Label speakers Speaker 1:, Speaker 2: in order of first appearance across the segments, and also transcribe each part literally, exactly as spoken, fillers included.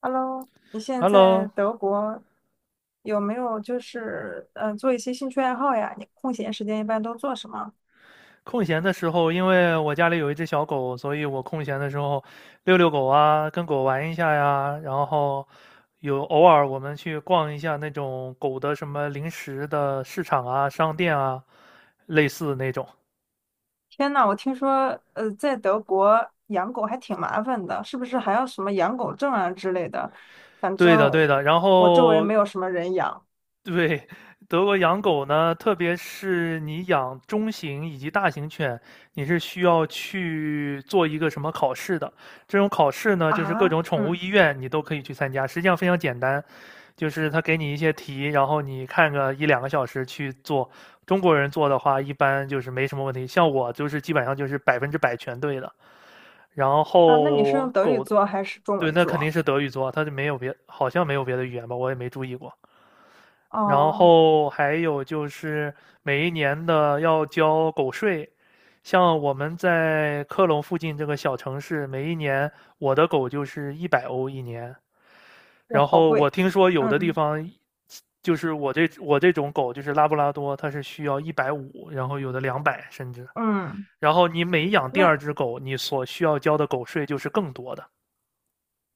Speaker 1: Hello，你现在在
Speaker 2: Hello，
Speaker 1: 德国有没有就是嗯呃做一些兴趣爱好呀？你空闲时间一般都做什么？
Speaker 2: 空闲的时候，因为我家里有一只小狗，所以我空闲的时候遛遛狗啊，跟狗玩一下呀，然后有偶尔我们去逛一下那种狗的什么零食的市场啊、商店啊，类似那种。
Speaker 1: 天呐，我听说呃在德国养狗还挺麻烦的，是不是还要什么养狗证啊之类的？反
Speaker 2: 对
Speaker 1: 正
Speaker 2: 的，对
Speaker 1: 我
Speaker 2: 的。然
Speaker 1: 我周围
Speaker 2: 后，
Speaker 1: 没有什么人养
Speaker 2: 对，德国养狗呢，特别是你养中型以及大型犬，你是需要去做一个什么考试的。这种考试呢，就是各
Speaker 1: 啊。
Speaker 2: 种宠物
Speaker 1: 嗯
Speaker 2: 医院你都可以去参加，实际上非常简单，就是他给你一些题，然后你看个一两个小时去做。中国人做的话，一般就是没什么问题，像我就是基本上就是百分之百全对的。然
Speaker 1: 啊，那你是
Speaker 2: 后
Speaker 1: 用德语
Speaker 2: 狗
Speaker 1: 做还是中
Speaker 2: 对，
Speaker 1: 文
Speaker 2: 那肯定
Speaker 1: 做？
Speaker 2: 是德语做，他就没有别，好像没有别的语言吧，我也没注意过。然
Speaker 1: 哦，
Speaker 2: 后还有就是每一年的要交狗税，像我们在科隆附近这个小城市，每一年我的狗就是一百欧一年。
Speaker 1: 哇，
Speaker 2: 然
Speaker 1: 好
Speaker 2: 后我
Speaker 1: 贵。
Speaker 2: 听说有的地
Speaker 1: 嗯
Speaker 2: 方，就是我这我这种狗就是拉布拉多，它是需要一百五，然后有的两百甚至。
Speaker 1: 嗯，
Speaker 2: 然后你每养第
Speaker 1: 那
Speaker 2: 二只狗，你所需要交的狗税就是更多的。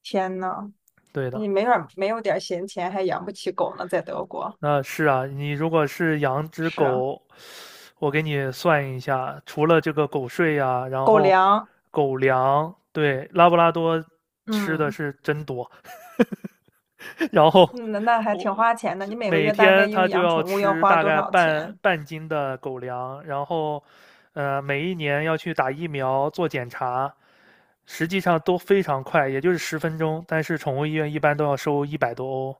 Speaker 1: 天呐，
Speaker 2: 对的，
Speaker 1: 你没点儿没有点儿闲钱还养不起狗呢，在德国。
Speaker 2: 那是啊，你如果是养只
Speaker 1: 是啊。
Speaker 2: 狗，我给你算一下，除了这个狗税呀、然
Speaker 1: 狗
Speaker 2: 后
Speaker 1: 粮，
Speaker 2: 狗粮，对，拉布拉多吃的
Speaker 1: 嗯，
Speaker 2: 是真多，然后
Speaker 1: 嗯那那还挺
Speaker 2: 我
Speaker 1: 花钱的。你每个
Speaker 2: 每
Speaker 1: 月大概
Speaker 2: 天
Speaker 1: 因
Speaker 2: 它
Speaker 1: 为
Speaker 2: 就
Speaker 1: 养
Speaker 2: 要
Speaker 1: 宠物要
Speaker 2: 吃
Speaker 1: 花
Speaker 2: 大
Speaker 1: 多
Speaker 2: 概
Speaker 1: 少
Speaker 2: 半
Speaker 1: 钱？
Speaker 2: 半斤的狗粮，然后呃，每一年要去打疫苗做检查，实际上都非常快，也就是十分钟，但是宠物医院一般都要收一百多欧。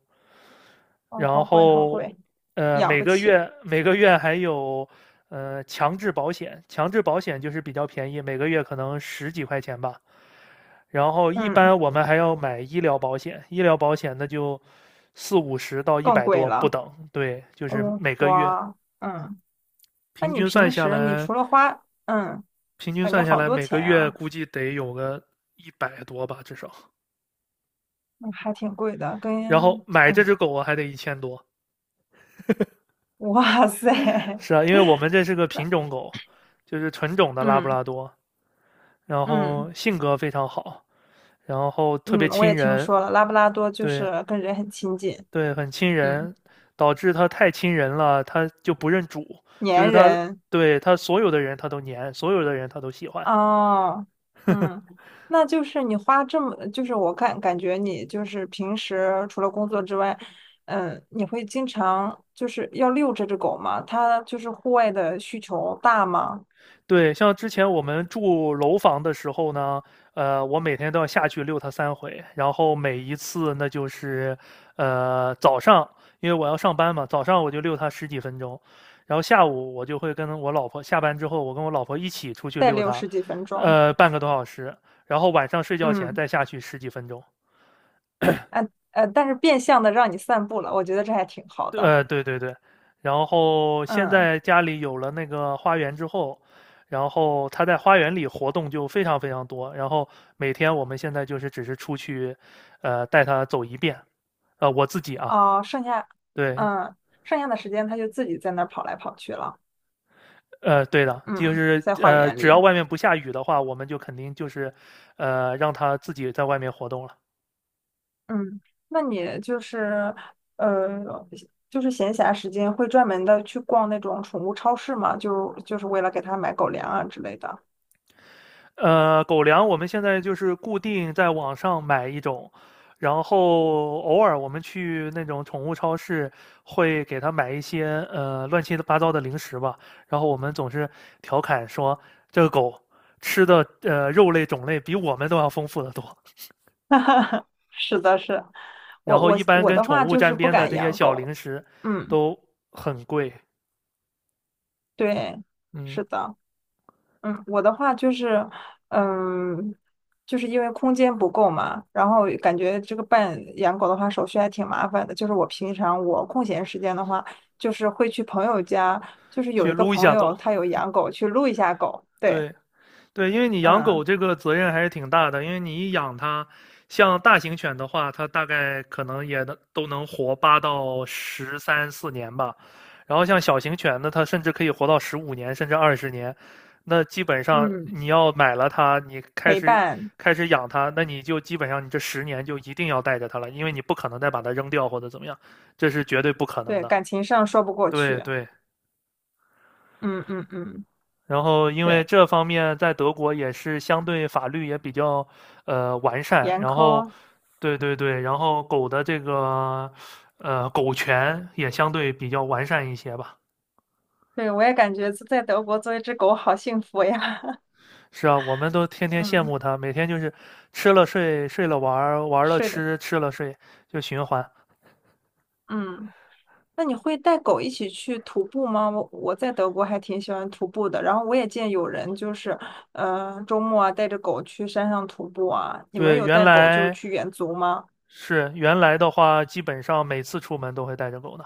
Speaker 1: 哦，
Speaker 2: 然
Speaker 1: 好贵，好
Speaker 2: 后
Speaker 1: 贵，
Speaker 2: 呃
Speaker 1: 养
Speaker 2: 每
Speaker 1: 不
Speaker 2: 个
Speaker 1: 起。
Speaker 2: 月每个月还有呃强制保险，强制保险就是比较便宜，每个月可能十几块钱吧。然后一
Speaker 1: 嗯，
Speaker 2: 般我们还要买医疗保险，医疗保险那就四五十到一
Speaker 1: 更
Speaker 2: 百
Speaker 1: 贵
Speaker 2: 多不
Speaker 1: 了。
Speaker 2: 等，对，就是
Speaker 1: 嗯，
Speaker 2: 每个月
Speaker 1: 哇，嗯，那
Speaker 2: 平
Speaker 1: 你
Speaker 2: 均算
Speaker 1: 平
Speaker 2: 下
Speaker 1: 时你
Speaker 2: 来，
Speaker 1: 除了花，嗯，
Speaker 2: 平均
Speaker 1: 感觉
Speaker 2: 算下
Speaker 1: 好
Speaker 2: 来
Speaker 1: 多
Speaker 2: 每个
Speaker 1: 钱
Speaker 2: 月
Speaker 1: 啊，
Speaker 2: 估计得有个一百多吧，至少。
Speaker 1: 嗯还挺贵的。
Speaker 2: 然后
Speaker 1: 跟，
Speaker 2: 买这只
Speaker 1: 哎，
Speaker 2: 狗啊还得一千多，
Speaker 1: 哇塞，
Speaker 2: 是啊，因为我们这是个
Speaker 1: 那，
Speaker 2: 品种狗，就是纯种的拉布
Speaker 1: 嗯
Speaker 2: 拉多，然
Speaker 1: 嗯
Speaker 2: 后性格非常好，然后特别
Speaker 1: 嗯，我
Speaker 2: 亲
Speaker 1: 也听
Speaker 2: 人，
Speaker 1: 说了，拉布拉多就
Speaker 2: 对
Speaker 1: 是跟人很亲近，
Speaker 2: 对，很亲
Speaker 1: 嗯，
Speaker 2: 人，导致他太亲人了，他就不认主，就
Speaker 1: 粘
Speaker 2: 是他
Speaker 1: 人。
Speaker 2: 对他所有的人他都黏，所有的人他都喜欢，
Speaker 1: 哦，嗯，那就是你花这么，就是我看感觉你就是平时除了工作之外，嗯，你会经常就是要遛这只狗吗？它就是户外的需求大吗？
Speaker 2: 对，像之前我们住楼房的时候呢，呃，我每天都要下去遛它三回，然后每一次那就是，呃，早上因为我要上班嘛，早上我就遛它十几分钟，然后下午我就会跟我老婆下班之后，我跟我老婆一起出去
Speaker 1: 再
Speaker 2: 遛
Speaker 1: 遛
Speaker 2: 它，
Speaker 1: 十几分钟，
Speaker 2: 呃，半个多小时，然后晚上睡觉前
Speaker 1: 嗯，
Speaker 2: 再下去十几分钟。
Speaker 1: 呃呃，但是变相的让你散步了，我觉得这还挺好
Speaker 2: 对，
Speaker 1: 的，
Speaker 2: 呃对对对，然后现
Speaker 1: 嗯，
Speaker 2: 在家里有了那个花园之后，然后他在花园里活动就非常非常多，然后每天我们现在就是只是出去，呃，带他走一遍，呃，我自己啊，
Speaker 1: 哦，剩下，
Speaker 2: 对，
Speaker 1: 嗯，剩下的时间它就自己在那儿跑来跑去了，
Speaker 2: 呃，对的，就
Speaker 1: 嗯，
Speaker 2: 是
Speaker 1: 在花
Speaker 2: 呃，
Speaker 1: 园
Speaker 2: 只
Speaker 1: 里。
Speaker 2: 要外面不下雨的话，我们就肯定就是，呃，让他自己在外面活动了。
Speaker 1: 嗯，那你就是呃，就是闲暇时间会专门的去逛那种宠物超市吗？就就是为了给它买狗粮啊之类的。
Speaker 2: 呃，狗粮我们现在就是固定在网上买一种，然后偶尔我们去那种宠物超市会给它买一些呃乱七八糟的零食吧。然后我们总是调侃说，这个狗吃的呃肉类种类比我们都要丰富的多。
Speaker 1: 是的，是，我
Speaker 2: 然后
Speaker 1: 我
Speaker 2: 一般
Speaker 1: 我
Speaker 2: 跟
Speaker 1: 的
Speaker 2: 宠
Speaker 1: 话
Speaker 2: 物
Speaker 1: 就是
Speaker 2: 沾
Speaker 1: 不
Speaker 2: 边的
Speaker 1: 敢
Speaker 2: 这些
Speaker 1: 养
Speaker 2: 小
Speaker 1: 狗。
Speaker 2: 零食
Speaker 1: 嗯，
Speaker 2: 都很贵，
Speaker 1: 对，
Speaker 2: 嗯，
Speaker 1: 是的。嗯，我的话就是，嗯，就是因为空间不够嘛，然后感觉这个办养狗的话手续还挺麻烦的。就是我平常我空闲时间的话，就是会去朋友家，就是有
Speaker 2: 去
Speaker 1: 一个
Speaker 2: 撸一
Speaker 1: 朋
Speaker 2: 下
Speaker 1: 友
Speaker 2: 狗，
Speaker 1: 他有养狗，去撸一下狗。对，
Speaker 2: 对。对，因为你养狗
Speaker 1: 嗯
Speaker 2: 这个责任还是挺大的，因为你一养它，像大型犬的话，它大概可能也能都能活八到十三四年吧，然后像小型犬呢，它甚至可以活到十五年，甚至二十年。那基本上
Speaker 1: 嗯，
Speaker 2: 你要买了它，你开
Speaker 1: 陪
Speaker 2: 始
Speaker 1: 伴，
Speaker 2: 开始养它，那你就基本上你这十年就一定要带着它了，因为你不可能再把它扔掉或者怎么样，这是绝对不可能
Speaker 1: 对，
Speaker 2: 的。
Speaker 1: 感情上说不过
Speaker 2: 对
Speaker 1: 去。
Speaker 2: 对。
Speaker 1: 嗯嗯嗯，
Speaker 2: 然后，因为
Speaker 1: 对，
Speaker 2: 这方面在德国也是相对法律也比较呃完善，
Speaker 1: 严
Speaker 2: 然后，
Speaker 1: 苛，
Speaker 2: 对对对，然后狗的这个呃狗权也相对比较完善一些吧。
Speaker 1: 对，我也感觉在德国做一只狗好幸福呀。
Speaker 2: 是啊，我们都天 天羡
Speaker 1: 嗯，
Speaker 2: 慕它，每天就是吃了睡，睡了玩儿，玩儿了
Speaker 1: 是的，
Speaker 2: 吃，吃了睡，就循环。
Speaker 1: 嗯。那你会带狗一起去徒步吗？我我在德国还挺喜欢徒步的，然后我也见有人就是，嗯，周末啊带着狗去山上徒步啊。你们
Speaker 2: 对，
Speaker 1: 有
Speaker 2: 原
Speaker 1: 带狗就是
Speaker 2: 来
Speaker 1: 去远足吗？
Speaker 2: 是原来的话，基本上每次出门都会带着狗的。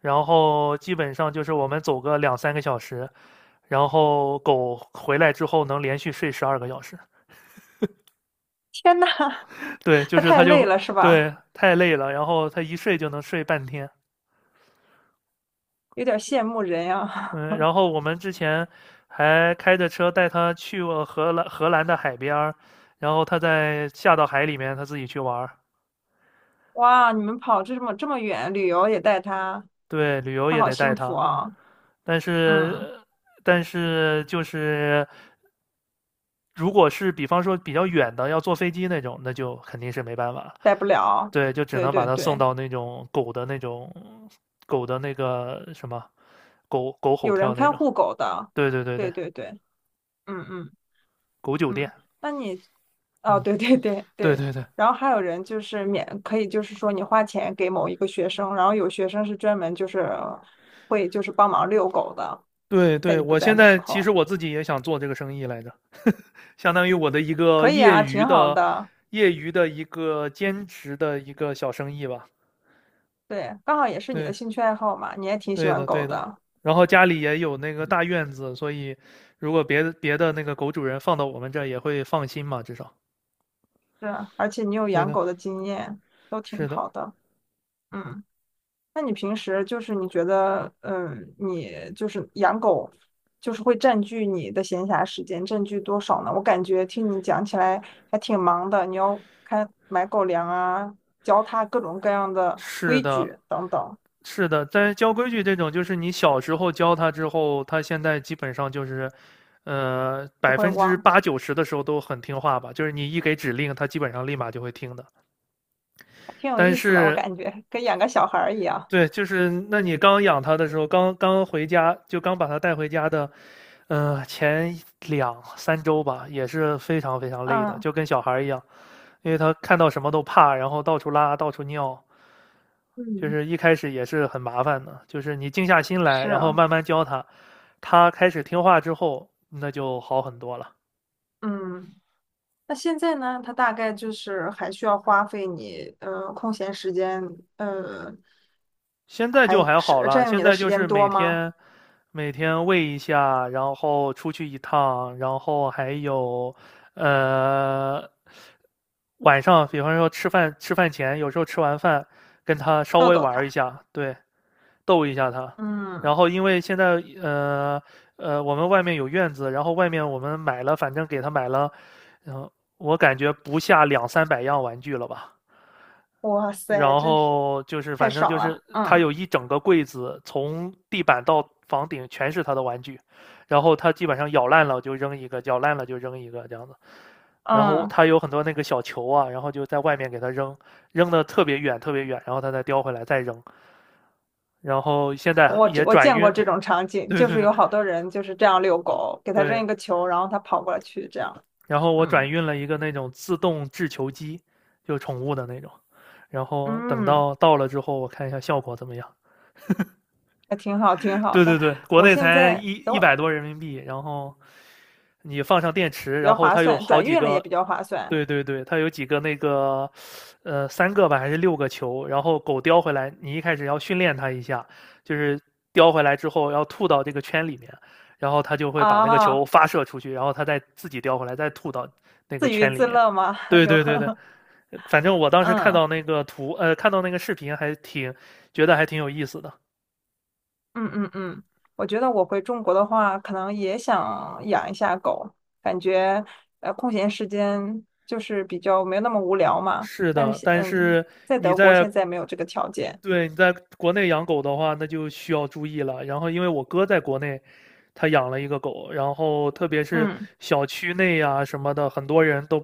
Speaker 2: 然后基本上就是我们走个两三个小时，然后狗回来之后能连续睡十二个小时。
Speaker 1: 天呐，
Speaker 2: 对，就
Speaker 1: 它
Speaker 2: 是
Speaker 1: 太
Speaker 2: 它
Speaker 1: 累
Speaker 2: 就，
Speaker 1: 了是吧？
Speaker 2: 对，太累了，然后它一睡就能睡半天。
Speaker 1: 有点羡慕人呀。
Speaker 2: 嗯，然后我们之前还开着车带它去过荷兰荷兰的海边儿，然后它再下到海里面，它自己去玩儿。
Speaker 1: 哇，你们跑这么这么远，旅游也带它，
Speaker 2: 对，旅游
Speaker 1: 它
Speaker 2: 也
Speaker 1: 好
Speaker 2: 得带
Speaker 1: 幸福
Speaker 2: 它。
Speaker 1: 啊。
Speaker 2: 但是
Speaker 1: 嗯，
Speaker 2: 呃但是就是，如果是比方说比较远的，要坐飞机那种，那就肯定是没办法，
Speaker 1: 带不了。
Speaker 2: 对，就只
Speaker 1: 对
Speaker 2: 能把
Speaker 1: 对
Speaker 2: 它送
Speaker 1: 对，
Speaker 2: 到那种狗的那种狗的那个什么狗狗吼
Speaker 1: 有人
Speaker 2: 跳那
Speaker 1: 看
Speaker 2: 种。
Speaker 1: 护狗的。
Speaker 2: 对对对对，
Speaker 1: 对对对，嗯嗯
Speaker 2: 狗酒店。
Speaker 1: 嗯。那你哦，
Speaker 2: 嗯，
Speaker 1: 对对对
Speaker 2: 对
Speaker 1: 对，
Speaker 2: 对对
Speaker 1: 然后还有人就是免，可以就是说你花钱给某一个学生，然后有学生是专门就是会就是帮忙遛狗的，
Speaker 2: 对
Speaker 1: 在
Speaker 2: 对，
Speaker 1: 你不
Speaker 2: 我
Speaker 1: 在
Speaker 2: 现
Speaker 1: 的
Speaker 2: 在
Speaker 1: 时
Speaker 2: 其实
Speaker 1: 候，
Speaker 2: 我自己也想做这个生意来着，相当于我的一个
Speaker 1: 可以
Speaker 2: 业
Speaker 1: 啊，
Speaker 2: 余
Speaker 1: 挺好
Speaker 2: 的
Speaker 1: 的。
Speaker 2: 业余的一个兼职的一个小生意吧。
Speaker 1: 对，刚好也是你的
Speaker 2: 对。
Speaker 1: 兴趣爱好嘛，你也挺喜
Speaker 2: 对
Speaker 1: 欢
Speaker 2: 的，
Speaker 1: 狗
Speaker 2: 对的。
Speaker 1: 的，
Speaker 2: 然后家里也有那个大院子，所以如果别的别的那个狗主人放到我们这儿也会放心嘛，至少。
Speaker 1: 是啊，而且你有
Speaker 2: 对
Speaker 1: 养
Speaker 2: 的，
Speaker 1: 狗的经验，都挺
Speaker 2: 是的，
Speaker 1: 好的。嗯。那你平时就是你觉得，嗯，你就是养狗，就是会占据你的闲暇时间，占据多少呢？我感觉听你讲起来还挺忙的，你要看买狗粮啊，教它各种各样的
Speaker 2: 是
Speaker 1: 规
Speaker 2: 的，
Speaker 1: 矩等等，
Speaker 2: 是的。但是教规矩这种，就是你小时候教它之后，它现在基本上就是，呃，
Speaker 1: 不
Speaker 2: 百
Speaker 1: 会
Speaker 2: 分之
Speaker 1: 忘，
Speaker 2: 八九十的时候都很听话吧。就是你一给指令，它基本上立马就会听的。
Speaker 1: 还挺有
Speaker 2: 但
Speaker 1: 意思的，我
Speaker 2: 是
Speaker 1: 感觉跟养个小孩儿一样。
Speaker 2: 对，就是那你刚养它的时候，刚刚回家，就刚把它带回家的，嗯、前两三周吧，也是非常非常累的，
Speaker 1: 嗯
Speaker 2: 就跟小孩儿一样，因为他看到什么都怕，然后到处拉，到处尿，就
Speaker 1: 嗯，
Speaker 2: 是一开始也是很麻烦的，就是你静下心来，
Speaker 1: 是
Speaker 2: 然后
Speaker 1: 啊，
Speaker 2: 慢慢教它，它开始听话之后，那就好很多了。
Speaker 1: 嗯。那现在呢，它大概就是还需要花费你，呃，空闲时间，呃，
Speaker 2: 现在就
Speaker 1: 还
Speaker 2: 还
Speaker 1: 是
Speaker 2: 好了，
Speaker 1: 占用
Speaker 2: 现
Speaker 1: 你的
Speaker 2: 在
Speaker 1: 时
Speaker 2: 就
Speaker 1: 间
Speaker 2: 是
Speaker 1: 多
Speaker 2: 每
Speaker 1: 吗？
Speaker 2: 天每天喂一下，然后出去一趟，然后还有呃晚上，比方说吃饭吃饭前，有时候吃完饭跟他稍
Speaker 1: 逗
Speaker 2: 微
Speaker 1: 逗
Speaker 2: 玩一
Speaker 1: 它，
Speaker 2: 下，对，逗一下他。
Speaker 1: 嗯，
Speaker 2: 然后因为现在呃呃我们外面有院子，然后外面我们买了，反正给他买了，嗯、我感觉不下两三百样玩具了吧。
Speaker 1: 哇
Speaker 2: 然
Speaker 1: 塞，真是
Speaker 2: 后就是
Speaker 1: 太
Speaker 2: 反正
Speaker 1: 爽
Speaker 2: 就是
Speaker 1: 了，
Speaker 2: 他
Speaker 1: 嗯
Speaker 2: 有一整个柜子，从地板到房顶全是他的玩具，然后他基本上咬烂了就扔一个，咬烂了就扔一个这样子。然后
Speaker 1: 嗯，
Speaker 2: 他有很多那个小球啊，然后就在外面给他扔，扔的特别远特别远，然后他再叼回来再扔。然后现在
Speaker 1: 我这
Speaker 2: 也
Speaker 1: 我
Speaker 2: 转
Speaker 1: 见过
Speaker 2: 运，
Speaker 1: 这种场景，就是有好多人就是这样遛狗，给它扔
Speaker 2: 对，
Speaker 1: 一个球，然后它跑过来去，这样，
Speaker 2: 然后我转
Speaker 1: 嗯
Speaker 2: 运了一个那种自动制球机，就宠物的那种。然后等
Speaker 1: 嗯，
Speaker 2: 到到了之后，我看一下效果怎么样。
Speaker 1: 还挺好，挺好
Speaker 2: 对
Speaker 1: 的。
Speaker 2: 对对，国
Speaker 1: 我
Speaker 2: 内
Speaker 1: 现
Speaker 2: 才
Speaker 1: 在
Speaker 2: 一
Speaker 1: 等
Speaker 2: 一
Speaker 1: 我
Speaker 2: 百多人民币，然后你放上电池，
Speaker 1: 比
Speaker 2: 然
Speaker 1: 较
Speaker 2: 后
Speaker 1: 划
Speaker 2: 它有
Speaker 1: 算，
Speaker 2: 好
Speaker 1: 转
Speaker 2: 几
Speaker 1: 运了也
Speaker 2: 个，
Speaker 1: 比较划算
Speaker 2: 对对对，它有几个那个，呃，三个吧还是六个球，然后狗叼回来，你一开始要训练它一下，就是叼回来之后要吐到这个圈里面，然后它就会把那个球
Speaker 1: 啊，
Speaker 2: 发射出去，然后它再自己叼回来，再吐到那个
Speaker 1: 自娱
Speaker 2: 圈里
Speaker 1: 自
Speaker 2: 面。
Speaker 1: 乐嘛，
Speaker 2: 对
Speaker 1: 有，
Speaker 2: 对对对，反正我 当时看
Speaker 1: 嗯。
Speaker 2: 到那个图，呃，看到那个视频还挺觉得还挺有意思的。
Speaker 1: 嗯嗯嗯，我觉得我回中国的话，可能也想养一下狗，感觉呃空闲时间就是比较没有那么无聊嘛。
Speaker 2: 是
Speaker 1: 但
Speaker 2: 的，
Speaker 1: 是
Speaker 2: 但
Speaker 1: 嗯，
Speaker 2: 是
Speaker 1: 在
Speaker 2: 你
Speaker 1: 德国
Speaker 2: 在
Speaker 1: 现在没有这个条件，
Speaker 2: 对，你在国内养狗的话，那就需要注意了。然后，因为我哥在国内，他养了一个狗，然后特别是
Speaker 1: 嗯，
Speaker 2: 小区内呀、什么的，很多人都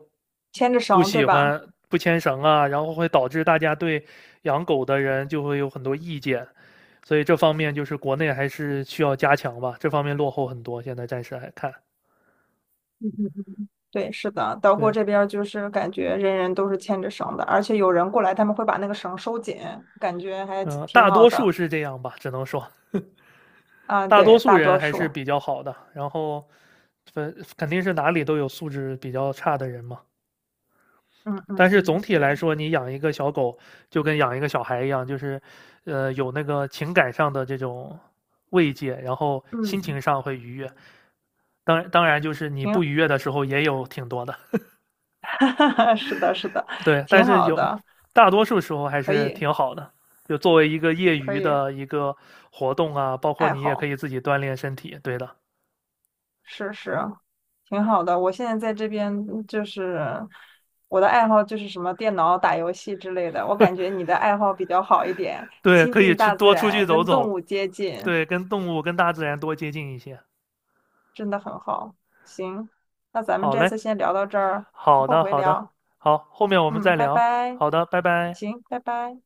Speaker 1: 牵着
Speaker 2: 不
Speaker 1: 绳对
Speaker 2: 喜
Speaker 1: 吧？
Speaker 2: 欢不牵绳啊，然后会导致大家对养狗的人就会有很多意见。所以这方面就是国内还是需要加强吧，这方面落后很多，现在暂时还看。
Speaker 1: 嗯嗯，对，是的，德国
Speaker 2: 对，
Speaker 1: 这边儿就是感觉人人都是牵着绳的，而且有人过来，他们会把那个绳收紧，感觉还挺
Speaker 2: 嗯、
Speaker 1: 挺
Speaker 2: 大
Speaker 1: 好
Speaker 2: 多数
Speaker 1: 的
Speaker 2: 是这样吧，只能说。
Speaker 1: 啊。
Speaker 2: 大多
Speaker 1: 对，
Speaker 2: 数
Speaker 1: 大
Speaker 2: 人
Speaker 1: 多
Speaker 2: 还是
Speaker 1: 数，
Speaker 2: 比较好的，然后分肯定是哪里都有素质比较差的人嘛。
Speaker 1: 嗯嗯
Speaker 2: 但是总
Speaker 1: 嗯，
Speaker 2: 体来
Speaker 1: 对，
Speaker 2: 说，你养一个小狗就跟养一个小孩一样，就是呃有那个情感上的这种慰藉，然后心情
Speaker 1: 嗯，
Speaker 2: 上会愉悦。当然，当然就是你
Speaker 1: 挺，
Speaker 2: 不愉悦的时候也有挺多的，
Speaker 1: 是的，是的，
Speaker 2: 对。但
Speaker 1: 挺
Speaker 2: 是
Speaker 1: 好
Speaker 2: 有
Speaker 1: 的。
Speaker 2: 大多数时候还
Speaker 1: 可
Speaker 2: 是
Speaker 1: 以，
Speaker 2: 挺好的。就作为一个业
Speaker 1: 可
Speaker 2: 余
Speaker 1: 以，
Speaker 2: 的一个活动啊，包括
Speaker 1: 爱
Speaker 2: 你也可
Speaker 1: 好，
Speaker 2: 以自己锻炼身体，对的，
Speaker 1: 是是，挺好的。我现在在这边就是我的爱好就是什么电脑打游戏之类的。我感觉你的爱好比较好一点，
Speaker 2: 对，
Speaker 1: 亲
Speaker 2: 可以
Speaker 1: 近
Speaker 2: 出
Speaker 1: 大自
Speaker 2: 多出去
Speaker 1: 然，
Speaker 2: 走
Speaker 1: 跟动
Speaker 2: 走，
Speaker 1: 物接近，
Speaker 2: 对，跟动物、跟大自然多接近一些。
Speaker 1: 真的很好。行，那咱们
Speaker 2: 好
Speaker 1: 这
Speaker 2: 嘞，
Speaker 1: 次先聊到这儿，
Speaker 2: 好
Speaker 1: 后
Speaker 2: 的，
Speaker 1: 回
Speaker 2: 好的，
Speaker 1: 聊。
Speaker 2: 好，后面我们
Speaker 1: 嗯，
Speaker 2: 再
Speaker 1: 拜
Speaker 2: 聊。
Speaker 1: 拜。
Speaker 2: 好的，拜拜。
Speaker 1: 行，拜拜。